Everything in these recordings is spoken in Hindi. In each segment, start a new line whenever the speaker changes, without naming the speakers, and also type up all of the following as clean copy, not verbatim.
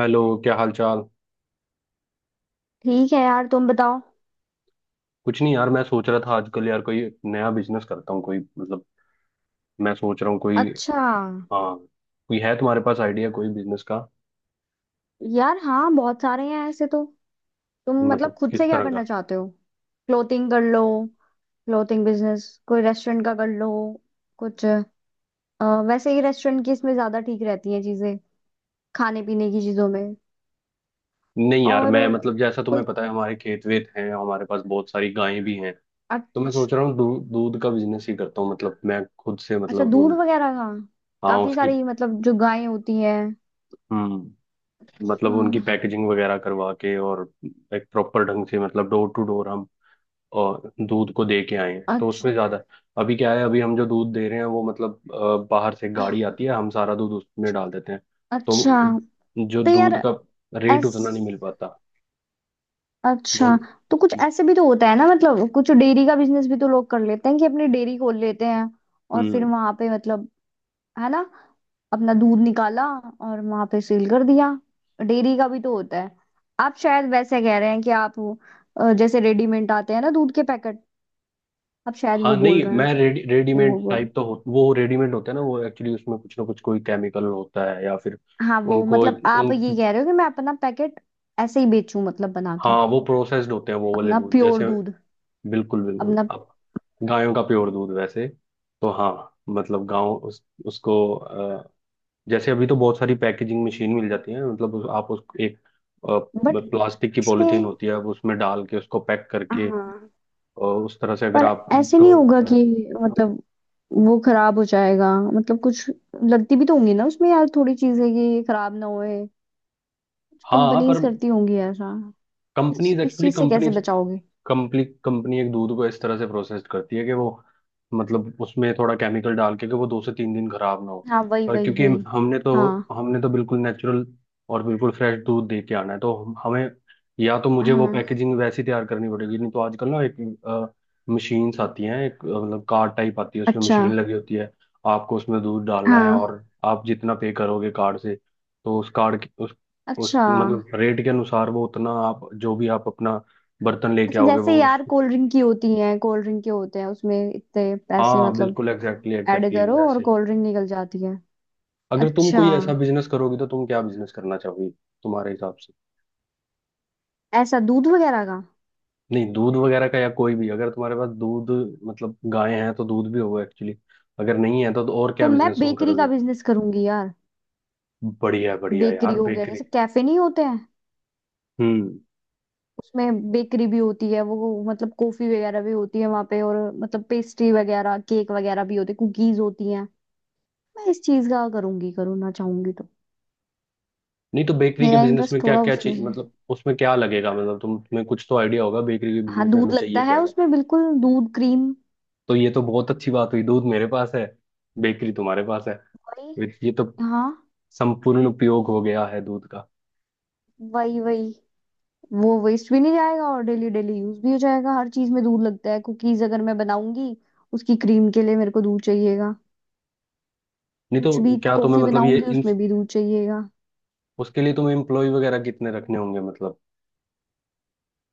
हेलो, क्या हाल चाल।
ठीक है यार, तुम बताओ।
कुछ नहीं यार, मैं सोच रहा था आजकल यार कोई नया बिजनेस करता हूँ। कोई, मतलब मैं सोच रहा हूँ कोई।
अच्छा,
हाँ। कोई है तुम्हारे पास आइडिया, कोई बिजनेस का?
यार हाँ बहुत सारे हैं ऐसे तो। तुम मतलब
मतलब
खुद से
किस
क्या
तरह
करना
का?
चाहते हो? क्लोथिंग कर लो। क्लोथिंग बिजनेस, कोई रेस्टोरेंट का कर लो कुछ। वैसे ही रेस्टोरेंट की इसमें ज्यादा ठीक रहती हैं चीजें, खाने पीने की चीजों में।
नहीं यार,
और
मैं मतलब जैसा
कोई,
तुम्हें पता है, हमारे खेत वेत हैं, हमारे पास बहुत सारी गायें भी हैं। तो मैं
अच्छा।
सोच रहा हूँ दूध का बिजनेस ही करता हूँ, मतलब मैं खुद से,
अच्छा,
मतलब
दूध
उन।
वगैरह का।
हाँ,
काफी
उसकी।
सारी मतलब जो गायें होती हैं।
हम्म। मतलब उनकी
हाँ,
पैकेजिंग वगैरह करवा के, और एक प्रॉपर ढंग से, मतलब डोर टू डोर हम और दूध को दे के आए हैं तो
अच्छा।
उसमें ज्यादा। अभी क्या है, अभी हम जो दूध दे रहे हैं, वो मतलब बाहर से गाड़ी आती है, हम सारा दूध उसमें डाल देते हैं।
अच्छा,
तो जो
तो यार
दूध का रेट
ऐस
उतना नहीं मिल पाता वो।
अच्छा, तो कुछ ऐसे भी तो होता है ना, मतलब कुछ डेयरी का बिजनेस भी तो लोग कर लेते हैं कि अपनी डेयरी खोल लेते हैं और फिर
हम्म।
वहां पे मतलब, है ना, अपना दूध निकाला और वहां पे सेल कर दिया। डेयरी का भी तो होता है। आप शायद वैसे कह रहे हैं कि आप वो, जैसे रेडीमेड आते हैं ना दूध के पैकेट, आप शायद
हाँ,
वो बोल
नहीं
रहे हैं
मैं रेडी
कि
रेडीमेड
वो बोल
टाइप तो हो, वो रेडीमेड होता है ना, वो एक्चुअली उसमें कुछ ना कुछ कोई केमिकल होता है या फिर
हाँ, वो मतलब आप
उन।
ये कह रहे हो कि मैं अपना पैकेट ऐसे ही बेचूं, मतलब बना के,
हाँ, वो प्रोसेस्ड होते हैं वो वाले
अपना
दूध
प्योर
जैसे।
दूध
बिल्कुल बिल्कुल,
अपना।
अब गायों का प्योर दूध वैसे। तो हाँ। मतलब गांव उसको जैसे अभी तो बहुत सारी पैकेजिंग मशीन मिल जाती है, मतलब आप उस एक अ,
बट
प्लास्टिक की पॉलिथीन
इसमें,
होती है, अब उसमें डाल के उसको पैक करके
हाँ
और उस तरह से अगर
पर
आप।
ऐसे नहीं
तो
होगा कि मतलब वो खराब हो जाएगा? मतलब कुछ लगती भी तो होंगी ना उसमें यार थोड़ी चीजें कि ये खराब ना होए।
हाँ पर।
कंपनीज करती होंगी ऐसा। इस
कंपनीज
इस
एक्चुअली
चीज से कैसे
कंपनीज
बचाओगे?
कंपनी कंपनी एक दूध को इस तरह से प्रोसेस करती है कि वो, मतलब उसमें थोड़ा केमिकल डाल के कि वो 2 से 3 दिन खराब ना हो।
हाँ, वही
पर
वही
क्योंकि
वही
हमने तो
हाँ।
हमने तो बिल्कुल नेचुरल और बिल्कुल फ्रेश दूध दे के आना है, तो हमें या तो मुझे वो
हाँ,
पैकेजिंग वैसी तैयार करनी पड़ेगी, नहीं तो आजकल ना एक मशीन्स आती हैं, एक मतलब कार्ड टाइप आती है, उसमें
अच्छा।
मशीन लगी होती है। आपको उसमें दूध डालना है
हाँ,
और आप जितना पे करोगे कार्ड से, तो उस कार्ड उस,
अच्छा।
मतलब रेट के अनुसार वो उतना, आप जो भी आप अपना बर्तन लेके
अच्छा,
आओगे
जैसे
वो।
यार कोल्ड ड्रिंक की होती है, कोल्ड ड्रिंक के होते हैं उसमें इतने पैसे
हाँ,
मतलब
बिल्कुल, एग्जैक्टली
ऐड
एग्जैक्टली
करो और
वैसे ही।
कोल्ड ड्रिंक निकल जाती है।
अगर तुम
अच्छा,
कोई ऐसा बिजनेस करोगी तो तुम क्या बिजनेस करना चाहोगी, तुम्हारे हिसाब से?
ऐसा दूध वगैरह का।
नहीं, दूध वगैरह का या कोई भी, अगर तुम्हारे पास दूध, मतलब गाय हैं तो दूध भी होगा एक्चुअली। अगर नहीं है तो और क्या
तो मैं
बिजनेस तुम
बेकरी का
करोगे?
बिजनेस करूंगी यार।
बढ़िया बढ़िया
बेकरी
यार,
हो गया,
बेकरी।
जैसे कैफे नहीं होते हैं
हम्म।
उसमें बेकरी भी होती है, वो मतलब कॉफी वगैरह भी होती है वहां पे और मतलब पेस्ट्री वगैरह, केक वगैरह भी होते, कुकीज होती हैं। मैं इस चीज का करूंगी, करूँगा, चाहूंगी तो।
नहीं तो बेकरी के
मेरा
बिजनेस में
इंटरेस्ट
क्या
थोड़ा
क्या
उसमें
चीज,
है।
मतलब उसमें क्या लगेगा, मतलब तुम्हें कुछ तो आइडिया होगा बेकरी के
हाँ,
बिजनेस में,
दूध
हमें चाहिए
लगता है
क्या क्या?
उसमें बिल्कुल, दूध, क्रीम,
तो ये तो बहुत अच्छी बात हुई, दूध मेरे पास है, बेकरी तुम्हारे पास है।
वही।
ये तो
हाँ,
संपूर्ण उपयोग हो गया है दूध का।
वही वही। वो वेस्ट भी नहीं जाएगा और डेली डेली यूज भी हो जाएगा। हर चीज में दूध लगता है, कुकीज अगर मैं बनाऊंगी उसकी क्रीम के लिए मेरे को दूध चाहिएगा,
नहीं
कुछ
तो
भी
क्या तुम्हें,
कॉफी
मतलब ये
बनाऊंगी
इन,
उसमें भी दूध चाहिएगा।
उसके लिए तुम्हें एम्प्लॉय वगैरह कितने रखने होंगे, मतलब?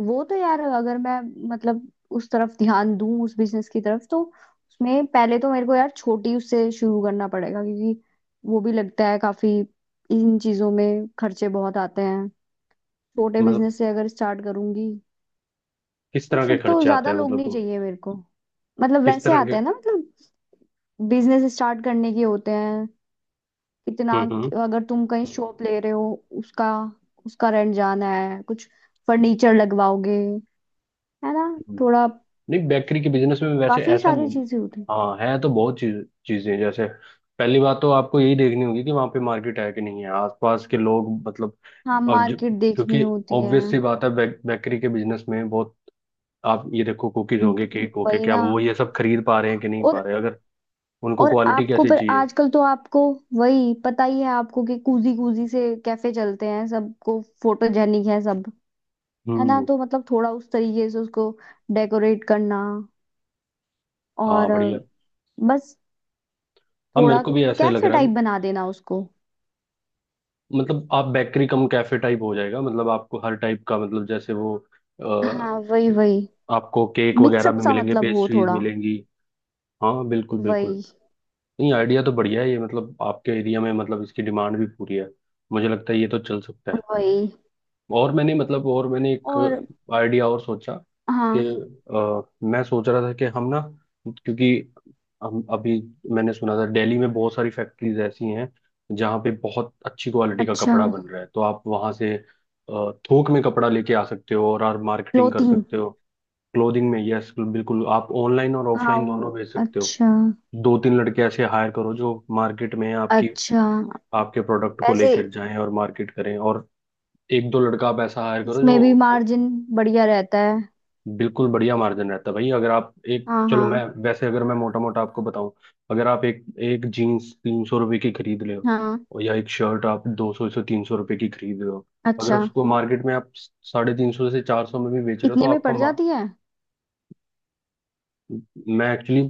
वो तो यार, अगर मैं मतलब उस तरफ ध्यान दूं, उस बिजनेस की तरफ, तो उसमें पहले तो मेरे को यार छोटी उससे शुरू करना पड़ेगा, क्योंकि वो भी लगता है काफी, इन चीजों में खर्चे बहुत आते हैं। छोटे
मतलब
बिजनेस से अगर स्टार्ट करूंगी
किस
तो
तरह के
फिर तो
खर्चे आते
ज्यादा
हैं,
लोग
मतलब
नहीं
तुम,
चाहिए मेरे को। मतलब
किस
वैसे
तरह के?
आते हैं ना मतलब बिजनेस स्टार्ट करने के होते हैं, कितना।
हम्म हम्म
अगर तुम कहीं शॉप ले रहे हो, उसका, उसका रेंट जाना है, कुछ फर्नीचर लगवाओगे, है ना,
हम्म।
थोड़ा,
नहीं, बेकरी के बिजनेस में वैसे
काफी
ऐसा
सारी
नहीं।
चीजें होती हैं।
हाँ, है तो बहुत चीज, चीजें जैसे, पहली बात तो आपको यही देखनी होगी कि वहाँ पे मार्केट है कि नहीं है, आसपास के लोग मतलब।
हाँ,
और
मार्केट देखनी
क्योंकि
होती है,
ऑब्वियस सी बात है, बेकरी के बिजनेस में बहुत, आप ये देखो कुकीज होंगे, केक होगे,
वही
क्या
ना।
वो ये सब खरीद पा रहे हैं कि नहीं पा
और
रहे, अगर उनको
और
क्वालिटी
आपको,
कैसी
पर
चाहिए?
आजकल तो आपको वही पता ही है आपको कि कूजी कूजी से कैफे चलते हैं, सबको फोटोजेनिक है सब, है ना,
हम्म।
तो मतलब थोड़ा उस तरीके से उसको डेकोरेट करना,
हाँ, बढ़िया।
और बस,
हाँ, मेरे
थोड़ा
को भी ऐसा ही लग
कैफे
रहा है।
टाइप बना देना उसको।
मतलब आप बेकरी कम कैफे टाइप हो जाएगा, मतलब आपको हर टाइप का, मतलब जैसे वो
हाँ,
अ,
वही वही।
आपको केक वगैरह
मिक्सअप
भी
सा
मिलेंगे,
मतलब हो
पेस्ट्रीज
थोड़ा,
मिलेंगी। हाँ, बिल्कुल बिल्कुल।
वही।
नहीं, आइडिया तो बढ़िया है ये, मतलब आपके एरिया में, मतलब इसकी डिमांड भी पूरी है। मुझे लगता है ये तो चल सकता है।
वही
और मैंने, मतलब और मैंने एक
और।
आइडिया और सोचा, कि
हाँ,
मैं सोच रहा था कि हम ना, क्योंकि हम अभी, मैंने सुना था दिल्ली में बहुत सारी फैक्ट्रीज ऐसी हैं जहाँ पे बहुत अच्छी क्वालिटी का
अच्छा,
कपड़ा बन रहा है, तो आप वहाँ से थोक में कपड़ा लेके आ सकते हो और आप मार्केटिंग कर
क्लोथिंग।
सकते हो। क्लोथिंग में, यस बिल्कुल, आप ऑनलाइन और ऑफलाइन
हाँ,
दोनों भेज सकते हो।
अच्छा।
दो तीन लड़के ऐसे हायर करो जो मार्केट में आपकी,
अच्छा,
आपके प्रोडक्ट को
वैसे
लेकर जाएं और मार्केट करें, और एक दो लड़का आप ऐसा हायर करो जो
इसमें भी मार्जिन बढ़िया रहता है।
बिल्कुल बढ़िया मार्जिन रहता है भाई। अगर आप एक,
हाँ
चलो
हाँ।
मैं वैसे, अगर मैं मोटा मोटा आपको बताऊं, अगर आप एक एक जीन्स 300 रुपये की खरीद रहे हो,
हाँ,
और या एक शर्ट आप 200 से 300 रुपये की खरीद रहे हो, अगर
अच्छा,
उसको मार्केट में आप 350 से 400 में भी बेच रहे हो तो
इतने में
आपका
पड़ जाती है।
मैं एक्चुअली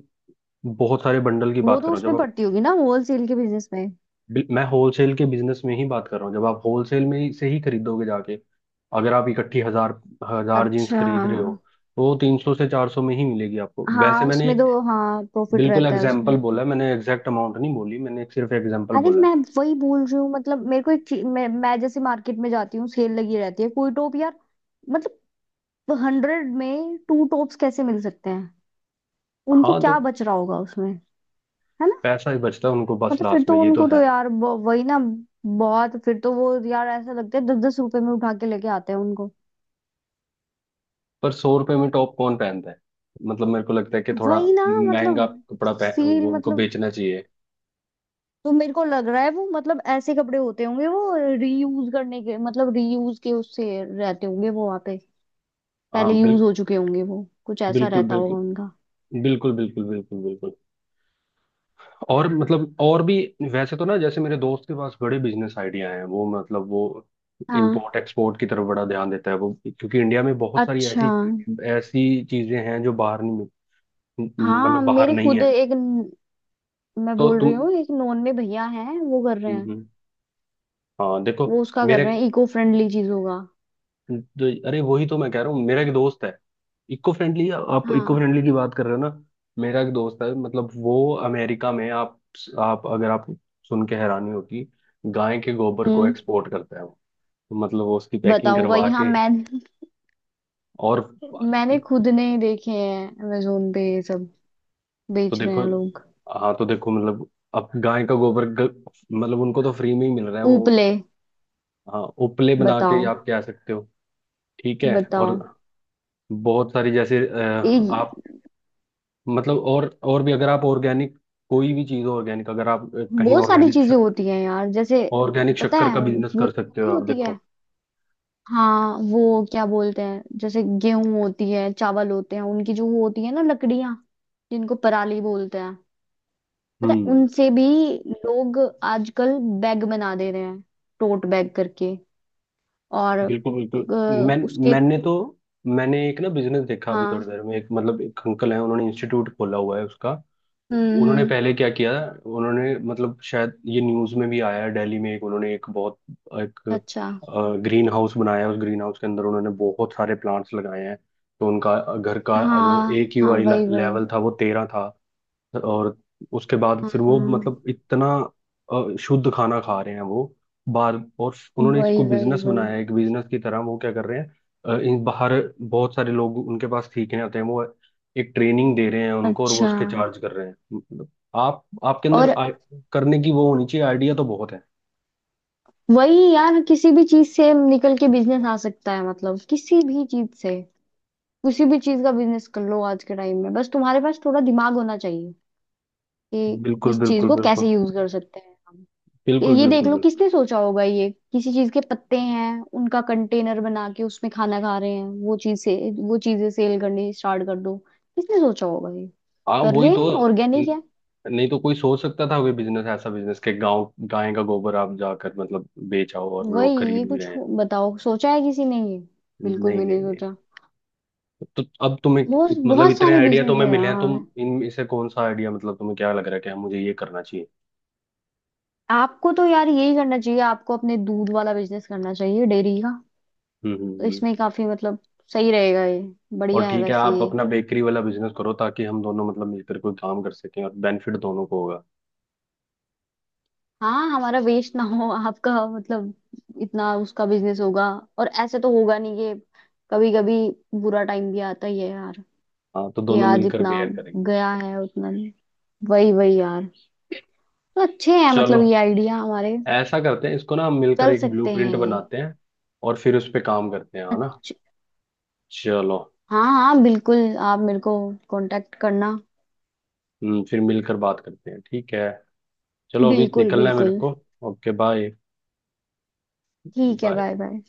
बहुत सारे बंडल की
वो
बात कर
तो
रहा हूँ, जब
उसमें
आप,
पड़ती होगी ना, होलसेल के बिजनेस में।
मैं होलसेल के बिजनेस में ही बात कर रहा हूँ, जब आप होलसेल में से ही खरीदोगे जाके, अगर आप इकट्ठी हजार हजार जीन्स
अच्छा,
खरीद रहे हो, तो 300 से 400 में ही मिलेगी आपको। वैसे
हाँ
मैंने
उसमें तो हाँ, प्रॉफिट
बिल्कुल
रहता है उसमें।
एग्जाम्पल बोला है मैंने, एग्जैक्ट अमाउंट नहीं बोली मैंने, एक सिर्फ एग्जाम्पल
अरे
बोला है।
मैं वही बोल रही हूँ, मतलब मेरे को एक चीज, मैं जैसे मार्केट में जाती हूँ, सेल लगी रहती है, कोई टॉप यार मतलब 100 में 2 टॉप्स कैसे मिल सकते हैं? उनको
हाँ तो,
क्या बच रहा होगा उसमें, है ना?
पैसा ही बचता है उनको बस
मतलब फिर
लास्ट
तो
में, ये तो
उनको तो
है।
यार वही ना, बहुत, फिर तो वो यार ऐसा लगता है दस दस रुपए में उठा के लेके आते हैं उनको।
पर 100 रुपए में टॉप कौन पहनता है? मतलब मेरे को लगता है कि थोड़ा
वही ना,
महंगा
मतलब
कपड़ा पह
सील
वो उनको
मतलब,
बेचना चाहिए।
तो मेरे को लग रहा है वो मतलब ऐसे कपड़े होते होंगे वो, रीयूज करने के, मतलब रीयूज के उससे रहते होंगे वो वहां पे,
हाँ,
पहले यूज हो चुके होंगे, वो कुछ ऐसा
बिल्कुल
रहता होगा
बिल्कुल
उनका।
बिल्कुल बिल्कुल बिल्कुल बिल्कुल। और मतलब, और भी वैसे तो ना, जैसे मेरे दोस्त के पास बड़े बिजनेस आइडिया हैं, वो मतलब वो
हाँ,
इंपोर्ट एक्सपोर्ट की तरफ बड़ा ध्यान देता है वो, क्योंकि इंडिया में बहुत सारी
अच्छा,
ऐसी ऐसी चीजें हैं जो बाहर नहीं,
हाँ
मतलब बाहर
मेरे
नहीं
खुद
है।
एक मैं
तो
बोल रही
तुम,
हूँ एक नॉन में भैया है, वो कर रहे
हम्म,
हैं।
हम्म, हाँ देखो।
वो उसका कर
मेरे
रहे हैं, इको फ्रेंडली चीजों का।
अरे वही तो मैं कह रहा हूँ, मेरा एक दोस्त है। इको फ्रेंडली, आप इको
हाँ।
फ्रेंडली की बात कर रहे हो ना? मेरा एक दोस्त है, मतलब वो अमेरिका में, आप अगर आप सुन के हैरानी होगी, गाय के गोबर को
हम्म।
एक्सपोर्ट करता है वो। तो मतलब वो उसकी पैकिंग
बताओ
करवा
भाई, हाँ,
के
मैं,
और,
मैंने खुद ने देखे हैं अमेजोन पे, ये सब
तो
बेच रहे
देखो।
हैं लोग।
हाँ तो देखो, मतलब अब गाय का गोबर मतलब उनको तो फ्री में ही मिल रहा है वो।
उपले।
हाँ, उपले बना के ही
बताओ।
आप कह सकते हो। ठीक है, और
बताओ।
बहुत सारी जैसे
ये,
आप, मतलब और भी, अगर आप ऑर्गेनिक, कोई भी चीज ऑर्गेनिक, अगर आप कहीं
बहुत सारी चीजें होती हैं यार जैसे,
ऑर्गेनिक
पता
शक्कर का
है,
बिजनेस
वो
कर सकते हो,
नहीं
आप
होती है?
देखो।
हाँ वो क्या बोलते हैं, जैसे गेहूं होती है, चावल होते हैं, उनकी जो वो होती है ना, लकड़ियां जिनको पराली बोलते हैं। पता है?
हम्म।
उनसे भी लोग आजकल बैग बना दे रहे हैं, टोट बैग करके, और
बिल्कुल बिल्कुल। मैं
उसके।
मैंने तो, मैंने एक ना बिजनेस देखा अभी
हाँ।
थोड़ी देर में, एक मतलब एक अंकल है, उन्होंने इंस्टीट्यूट खोला हुआ है उसका।
हम्म
उन्होंने
हम्म
पहले क्या किया? उन्होंने मतलब शायद ये न्यूज में भी आया है, दिल्ली में एक उन्होंने एक बहुत एक
अच्छा।
ग्रीन हाउस बनाया है। उस ग्रीन हाउस के अंदर उन्होंने बहुत सारे प्लांट्स लगाए हैं। तो उनका घर का जो
हाँ,
ए क्यू
हाँ,
आई
वही वही।
लेवल था वो 13 था। और उसके बाद फिर वो मतलब
हाँ,
इतना शुद्ध खाना खा रहे हैं वो बाहर। और उन्होंने
वही
इसको
वही
बिजनेस
वही
बनाया है, एक बिजनेस की तरह वो क्या कर रहे हैं, इन बाहर बहुत सारे लोग उनके पास सीखने आते हैं, वो एक ट्रेनिंग दे रहे हैं उनको, और वो
अच्छा।
उसके चार्ज कर रहे हैं मतलब। आप आपके
और
अंदर करने की वो होनी चाहिए, आइडिया तो बहुत है।
वही यार, किसी भी चीज से निकल के बिजनेस आ सकता है, मतलब किसी भी चीज से, किसी भी चीज का बिजनेस कर लो आज के टाइम में, बस तुम्हारे पास थोड़ा दिमाग होना चाहिए कि
बिल्कुल
किस चीज
बिल्कुल
को
बिल्कुल
कैसे यूज कर सकते हैं।
बिल्कुल
ये देख
बिल्कुल
लो,
बिल्कुल।
किसने सोचा होगा ये किसी चीज के पत्ते हैं, उनका कंटेनर बना के उसमें खाना खा रहे हैं, वो चीज से, वो चीजें सेल करनी स्टार्ट कर दो। किसने सोचा होगा ये
आप
कर
वही
रहे
तो
हैं? ऑर्गेनिक
न-
है,
नहीं तो कोई सोच सकता था वे बिजनेस, ऐसा बिजनेस के गांव गाय का गोबर आप जाकर मतलब बेचाओ और
वही।
लोग
ये
खरीद भी
कुछ
रहे हैं।
बताओ, सोचा है किसी ने ये?
नहीं
बिल्कुल
नहीं
भी नहीं
नहीं नहीं।
सोचा।
तो अब तुम्हें
बहुत,
मतलब
बहुत
इतने
सारे
आइडिया
बिजनेस
तुम्हें
है
मिले हैं,
यार।
तुम इनमें से कौन सा आइडिया, मतलब तुम्हें क्या लग रहा है कि हाँ, मुझे ये करना चाहिए?
आपको तो यार यही करना चाहिए, आपको अपने दूध वाला बिजनेस करना चाहिए, डेयरी का।
हम्म हम्म
तो
हम्म।
इसमें काफी मतलब सही रहेगा ये,
और
बढ़िया है
ठीक है,
वैसे
आप
ये।
अपना बेकरी वाला बिजनेस करो, ताकि हम दोनों मतलब मिलकर कोई काम कर सकें और बेनिफिट दोनों को होगा।
हाँ, हमारा वेस्ट ना हो आपका मतलब, इतना उसका बिजनेस होगा और ऐसे तो होगा नहीं ये, कभी कभी बुरा टाइम भी आता ही है यार,
हाँ तो
कि
दोनों
आज
मिलकर
इतना
बेयर करेंगे
गया
उसको।
है, उतना नहीं। वही वही यार। तो अच्छे हैं
चलो,
मतलब ये आइडिया हमारे,
ऐसा करते हैं इसको ना, हम मिलकर
चल
एक
सकते हैं
ब्लूप्रिंट
ये।
बनाते हैं और फिर उस पे काम करते हैं, है ना?
अच्छा,
चलो।
हाँ हाँ, बिल्कुल, आप मेरे को कांटेक्ट करना।
हम्म, फिर मिलकर बात करते हैं, ठीक है। चलो, अभी
बिल्कुल
निकलना है मेरे
बिल्कुल।
को। ओके, बाय
ठीक है,
बाय।
Bye bye.